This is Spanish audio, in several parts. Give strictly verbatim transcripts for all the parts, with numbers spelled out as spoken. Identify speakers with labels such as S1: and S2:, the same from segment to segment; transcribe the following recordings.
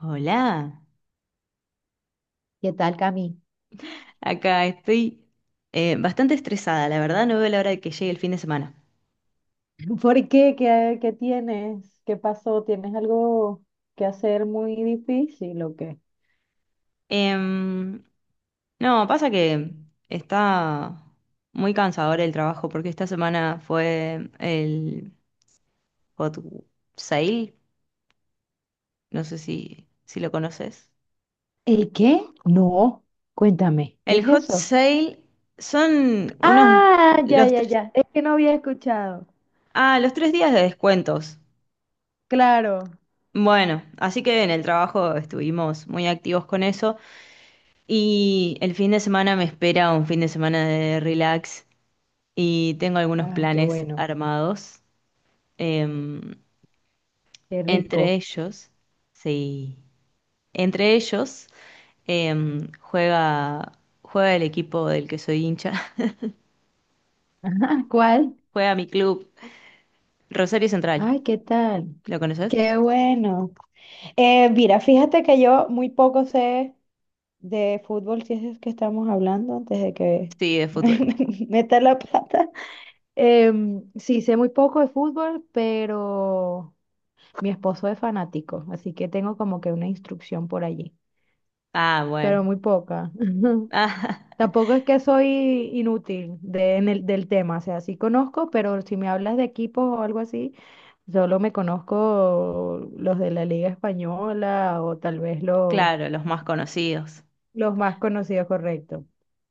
S1: Hola,
S2: ¿Qué tal, Cami?
S1: acá estoy eh, bastante estresada, la verdad no veo la hora de que llegue el fin de semana.
S2: ¿Por qué? ¿Qué, qué tienes? ¿Qué pasó? ¿Tienes algo que hacer muy difícil o qué?
S1: Em, no, pasa que está muy cansador el trabajo porque esta semana fue el Hot Sale, no sé si, si lo conoces.
S2: ¿El qué? No, cuéntame, ¿qué
S1: El
S2: es
S1: Hot
S2: eso?
S1: Sale son unos,
S2: Ah, ya,
S1: los
S2: ya,
S1: tres,
S2: ya. Es que no había escuchado.
S1: ah, los tres días de descuentos.
S2: Claro.
S1: Bueno, así que en el trabajo estuvimos muy activos con eso. Y el fin de semana me espera un fin de semana de relax y tengo algunos
S2: Ay, qué
S1: planes
S2: bueno,
S1: armados. Em,
S2: qué
S1: Entre
S2: rico.
S1: ellos, sí, entre ellos em, juega, juega el equipo del que soy hincha,
S2: Ah, ¿cuál?
S1: juega mi club, Rosario Central.
S2: Ay, ¿qué tal?
S1: ¿Lo conoces?
S2: Qué bueno. Eh, mira, fíjate que yo muy poco sé de fútbol, si es que estamos hablando antes de que
S1: Sí, de fútbol.
S2: meta la pata. Em, sí, sé muy poco de fútbol, pero mi esposo es fanático, así que tengo como que una instrucción por allí,
S1: Ah,
S2: pero
S1: bueno.
S2: muy poca.
S1: Ah,
S2: Tampoco es que soy inútil de, en el, del tema, o sea, sí conozco, pero si me hablas de equipos o algo así, solo me conozco los de la Liga Española o tal vez los,
S1: claro, los más conocidos.
S2: los más conocidos, correcto.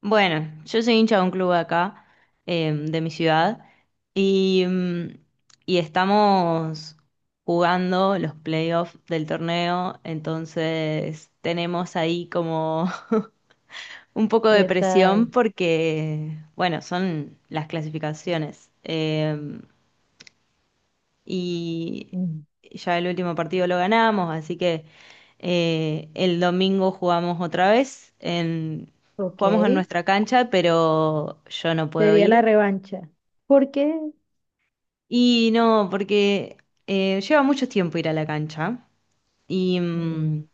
S1: Bueno, yo soy hincha de un club acá, eh, de mi ciudad, y, mm, y estamos jugando los playoffs del torneo, entonces tenemos ahí como un poco de
S2: ¿Qué
S1: presión
S2: tal?
S1: porque, bueno, son las clasificaciones. Eh, y
S2: Mm,
S1: ya el último partido lo ganamos, así que eh, el domingo jugamos otra vez en,
S2: ok,
S1: jugamos en nuestra cancha, pero yo no puedo
S2: sería la
S1: ir.
S2: revancha. ¿Por qué?
S1: Y no, porque eh, lleva mucho tiempo ir a la cancha y
S2: Mm.
S1: mm,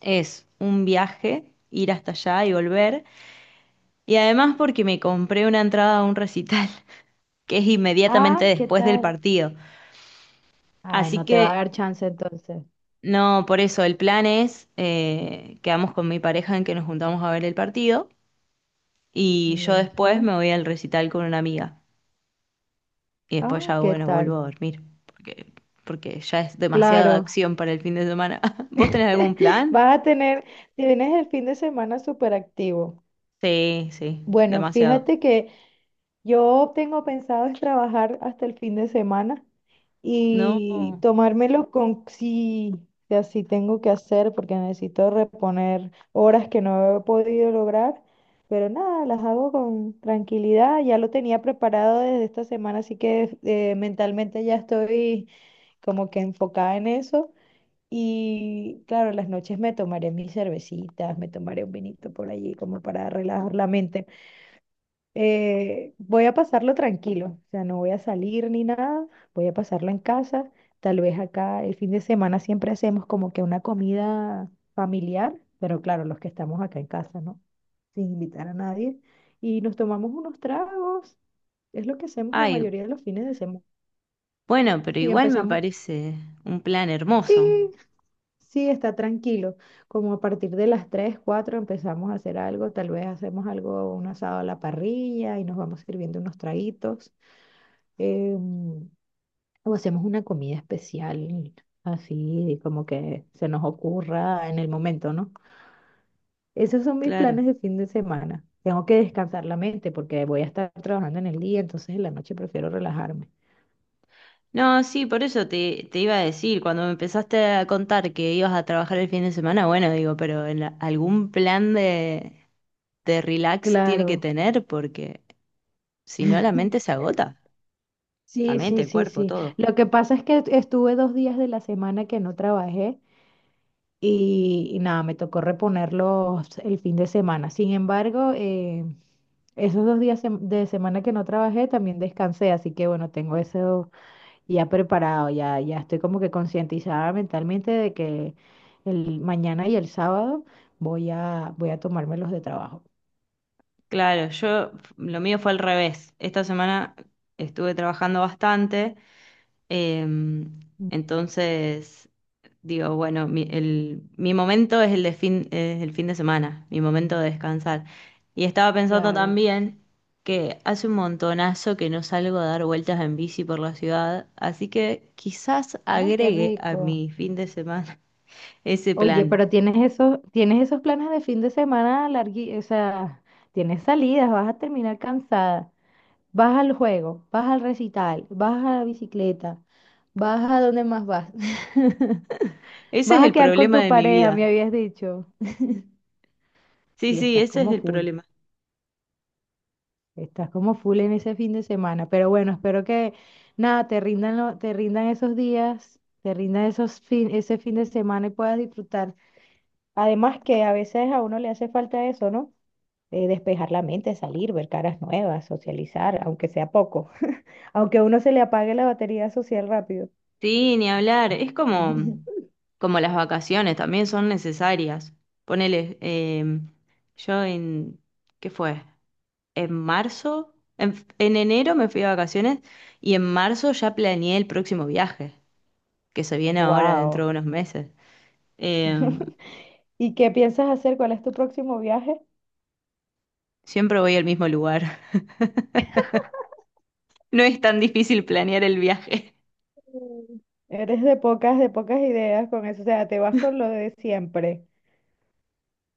S1: es un viaje ir hasta allá y volver. Y además porque me compré una entrada a un recital que es inmediatamente
S2: Ah, ¿qué
S1: después del
S2: tal?
S1: partido.
S2: Ay,
S1: Así
S2: no te va a
S1: que
S2: dar chance entonces.
S1: no, por eso el plan es, eh, quedamos con mi pareja en que nos juntamos a ver el partido y yo después
S2: Buenísimo.
S1: me voy al recital con una amiga y después
S2: Ah,
S1: ya,
S2: ¿qué
S1: bueno, vuelvo
S2: tal?
S1: a dormir porque, porque ya es demasiada
S2: Claro.
S1: acción para el fin de semana. ¿Vos tenés algún plan?
S2: Vas a tener, tienes el fin de semana súper activo.
S1: Sí, sí,
S2: Bueno,
S1: demasiado.
S2: fíjate que yo tengo pensado es trabajar hasta el fin de semana
S1: No,
S2: y tomármelo con si si así tengo que hacer porque necesito reponer horas que no he podido lograr, pero nada, las hago con tranquilidad. Ya lo tenía preparado desde esta semana, así que eh, mentalmente ya estoy como que enfocada en eso. Y claro, las noches me tomaré mis cervecitas, me tomaré un vinito por allí como para relajar la mente. Eh, voy a pasarlo tranquilo, o sea, no voy a salir ni nada, voy a pasarlo en casa. Tal vez acá el fin de semana siempre hacemos como que una comida familiar, pero claro, los que estamos acá en casa, ¿no? Sin invitar a nadie. Y nos tomamos unos tragos, es lo que hacemos la
S1: ay,
S2: mayoría de los fines de semana.
S1: bueno, pero
S2: Y
S1: igual me
S2: empezamos,
S1: parece un plan
S2: sí,
S1: hermoso,
S2: sí, está tranquilo. Como a partir de las tres, cuatro empezamos a hacer algo, tal vez hacemos algo, un asado a la parrilla y nos vamos sirviendo unos traguitos. eh, o hacemos una comida especial, así como que se nos ocurra en el momento, ¿no? Esos son mis
S1: claro.
S2: planes de fin de semana. Tengo que descansar la mente porque voy a estar trabajando en el día, entonces en la noche prefiero relajarme.
S1: No, sí, por eso te, te iba a decir, cuando me empezaste a contar que ibas a trabajar el fin de semana, bueno, digo, pero en la- algún plan de, de relax tiene que
S2: Claro.
S1: tener porque si no la mente se agota, la
S2: Sí,
S1: mente,
S2: sí,
S1: el
S2: sí,
S1: cuerpo,
S2: sí.
S1: todo.
S2: Lo que pasa es que estuve dos días de la semana que no trabajé y, y nada, me tocó reponerlos el fin de semana. Sin embargo, eh, esos dos días sem- de semana que no trabajé también descansé, así que bueno, tengo eso ya preparado, ya, ya estoy como que concientizada mentalmente de que el mañana y el sábado voy a, voy a tomármelos de trabajo.
S1: Claro, yo lo mío fue al revés. Esta semana estuve trabajando bastante. Em,
S2: Mm,
S1: entonces, digo, bueno, mi, el- mi momento es el de fin, es el fin de semana, mi momento de descansar. Y estaba pensando
S2: claro.
S1: también que hace un montonazo que no salgo a dar vueltas en bici por la ciudad, así que quizás
S2: Ay, qué
S1: agregue a
S2: rico.
S1: mi fin de semana ese
S2: Oye,
S1: plan.
S2: pero tienes esos, tienes esos planes de fin de semana largui, o sea, tienes salidas, vas a terminar cansada. Vas al juego, vas al recital, vas a la bicicleta, vas a donde más vas.
S1: Ese
S2: Vas
S1: es
S2: a
S1: el
S2: quedar con
S1: problema
S2: tu
S1: de mi
S2: pareja, me
S1: vida.
S2: habías dicho.
S1: Sí,
S2: Y
S1: sí,
S2: estás
S1: ese es
S2: como
S1: el
S2: full,
S1: problema.
S2: estás como full en ese fin de semana. Pero bueno, espero que nada, te rindan, lo- te rindan esos días, te rindan esos fin, ese fin de semana y puedas disfrutar. Además que a veces a uno le hace falta eso, ¿no? Eh, despejar la mente, salir, ver caras nuevas, socializar, aunque sea poco, aunque a uno se le apague la batería social rápido.
S1: Sí, ni hablar. Es como, como las vacaciones, también son necesarias. Ponele, eh, yo en, ¿qué fue? En marzo, en, en enero me fui de vacaciones y en marzo ya planeé el próximo viaje, que se viene ahora dentro de
S2: Wow.
S1: unos meses. Eh,
S2: ¿Y qué piensas hacer? ¿Cuál es tu próximo viaje?
S1: Siempre voy al mismo lugar. No es tan difícil planear el viaje.
S2: Mm. Eres de pocas, de pocas ideas con eso, o sea, te vas con lo de siempre.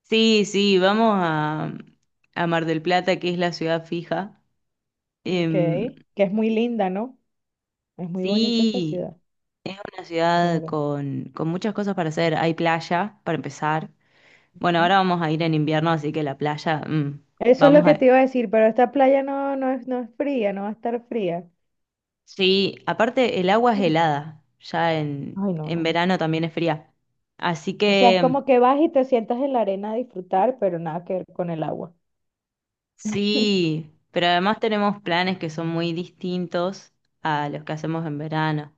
S1: Sí, sí, vamos a, a Mar del Plata, que es la ciudad fija.
S2: Ok.
S1: Em,
S2: Que es muy linda, ¿no? Es muy bonita esa
S1: sí,
S2: ciudad.
S1: es una ciudad
S2: Claro.
S1: con, con muchas cosas para hacer. Hay playa, para empezar. Bueno, ahora
S2: ¿Mm?
S1: vamos a ir en invierno, así que la playa, mm,
S2: Eso es lo
S1: vamos
S2: que te
S1: a...
S2: iba a decir, pero esta playa no, no es, no es fría, no va a estar fría.
S1: Sí, aparte el agua es helada, ya en,
S2: Ay, no,
S1: en
S2: no.
S1: verano también es fría. Así
S2: O sea, es
S1: que
S2: como que vas y te sientas en la arena a disfrutar, pero nada que ver con el agua.
S1: sí, pero además tenemos planes que son muy distintos a los que hacemos en verano.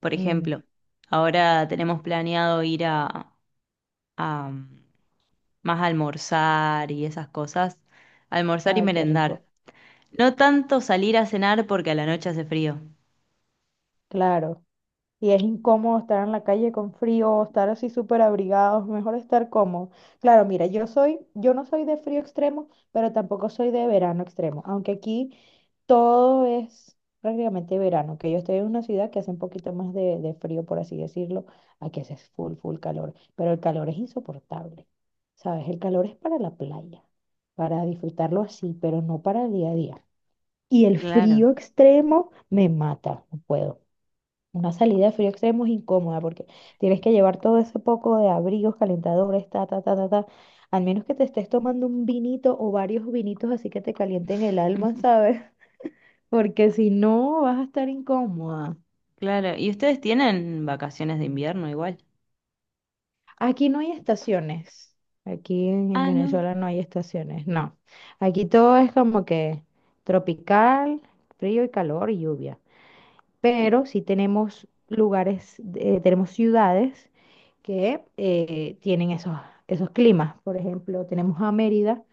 S1: Por
S2: Mm,
S1: ejemplo, ahora tenemos planeado ir a, a, mm, más a almorzar y esas cosas, almorzar y
S2: ay, qué
S1: merendar.
S2: rico.
S1: No tanto salir a cenar porque a la noche hace frío.
S2: Claro. Y es incómodo estar en la calle con frío, estar así súper abrigados, mejor estar cómodo. Claro, mira, yo soy, yo no soy de frío extremo, pero tampoco soy de verano extremo, aunque aquí todo es prácticamente verano, que yo estoy en una ciudad que hace un poquito más de, de frío, por así decirlo, aquí hace full, full calor, pero el calor es insoportable, ¿sabes? El calor es para la playa, para disfrutarlo así, pero no para el día a día. Y el
S1: Claro,
S2: frío extremo me mata, no puedo. Una salida de frío extremo es incómoda porque tienes que llevar todo ese poco de abrigos, calentadores, ta, ta, ta, ta, ta. Al menos que te estés tomando un vinito o varios vinitos así que te calienten el alma, ¿sabes? Porque si no, vas a estar incómoda.
S1: claro. ¿Y ustedes tienen vacaciones de invierno igual?
S2: Aquí no hay estaciones. Aquí en, en
S1: Ah, no.
S2: Venezuela no hay estaciones, no. Aquí todo es como que tropical, frío y calor y lluvia.
S1: Y
S2: Pero sí tenemos lugares, eh, tenemos ciudades que eh, tienen esos, esos climas. Por ejemplo, tenemos a Mérida,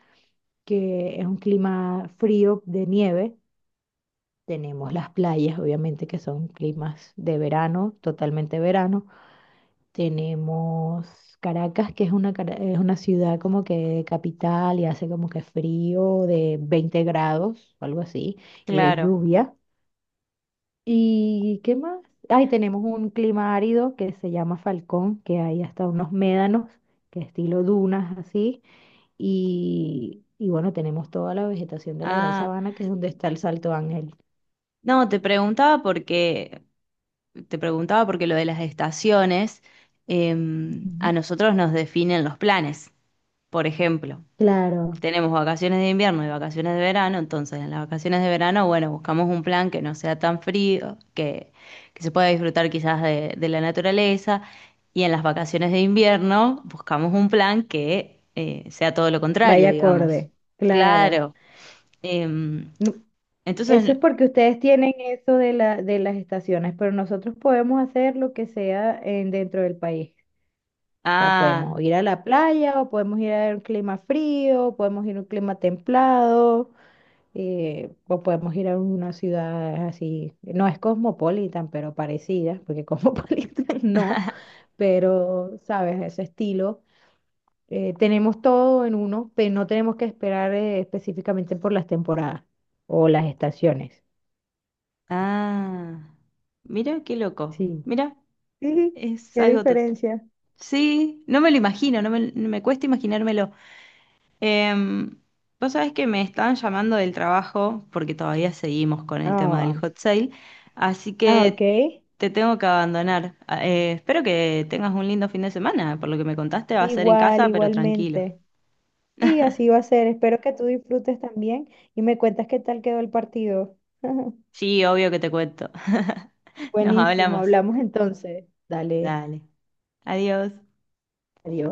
S2: que es un clima frío de nieve. Tenemos las playas, obviamente, que son climas de verano, totalmente verano. Tenemos Caracas, que es una, cara- es una ciudad como que capital y hace como que frío de veinte grados, o algo así, y de
S1: claro.
S2: lluvia. ¿Y qué más? Ahí tenemos un clima árido que se llama Falcón, que hay hasta unos médanos, que estilo dunas así. Y, y bueno, tenemos toda la vegetación de la Gran
S1: Ah,
S2: Sabana, que es donde está el Salto Ángel.
S1: no, te preguntaba porque te preguntaba porque lo de las estaciones em, a
S2: Ujú.
S1: nosotros nos definen los planes. Por ejemplo,
S2: Claro,
S1: tenemos vacaciones de invierno y vacaciones de verano, entonces en las vacaciones de verano, bueno, buscamos un plan que no sea tan frío, que, que se pueda disfrutar quizás de, de la naturaleza, y en las vacaciones de invierno buscamos un plan que eh, sea todo lo contrario,
S2: vaya
S1: digamos.
S2: acorde, claro.
S1: Claro. em,
S2: No- Eso
S1: entonces,
S2: es porque ustedes tienen eso de la, de las estaciones, pero nosotros podemos hacer lo que sea en, dentro del país. O sea,
S1: ah,
S2: podemos ir a la playa, o podemos ir a un clima frío, o podemos ir a un clima templado. eh, o podemos ir a una ciudad así, no es cosmopolitan, pero parecida, porque cosmopolitan no, pero sabes, ese estilo. Eh, tenemos todo en uno, pero no tenemos que esperar eh, específicamente por las temporadas o las estaciones.
S1: ah, Mira qué loco,
S2: Sí.
S1: mira,
S2: Sí,
S1: es
S2: qué
S1: algo... to-
S2: diferencia.
S1: Sí, no me lo imagino, no me, me cuesta imaginármelo. Em, Vos sabés que me estaban llamando del trabajo porque todavía seguimos con el tema del
S2: Ah,
S1: hot sale, así
S2: ah, ok.
S1: que te tengo que abandonar. Ah, eh, espero que tengas un lindo fin de semana. Por lo que me contaste, va a ser en
S2: Igual,
S1: casa, pero tranquilo.
S2: igualmente. Sí, así va a ser. Espero que tú disfrutes también y me cuentas qué tal quedó el partido.
S1: Sí, obvio que te cuento. Nos
S2: Buenísimo,
S1: hablamos.
S2: hablamos entonces. Dale,
S1: Dale. Adiós.
S2: adiós.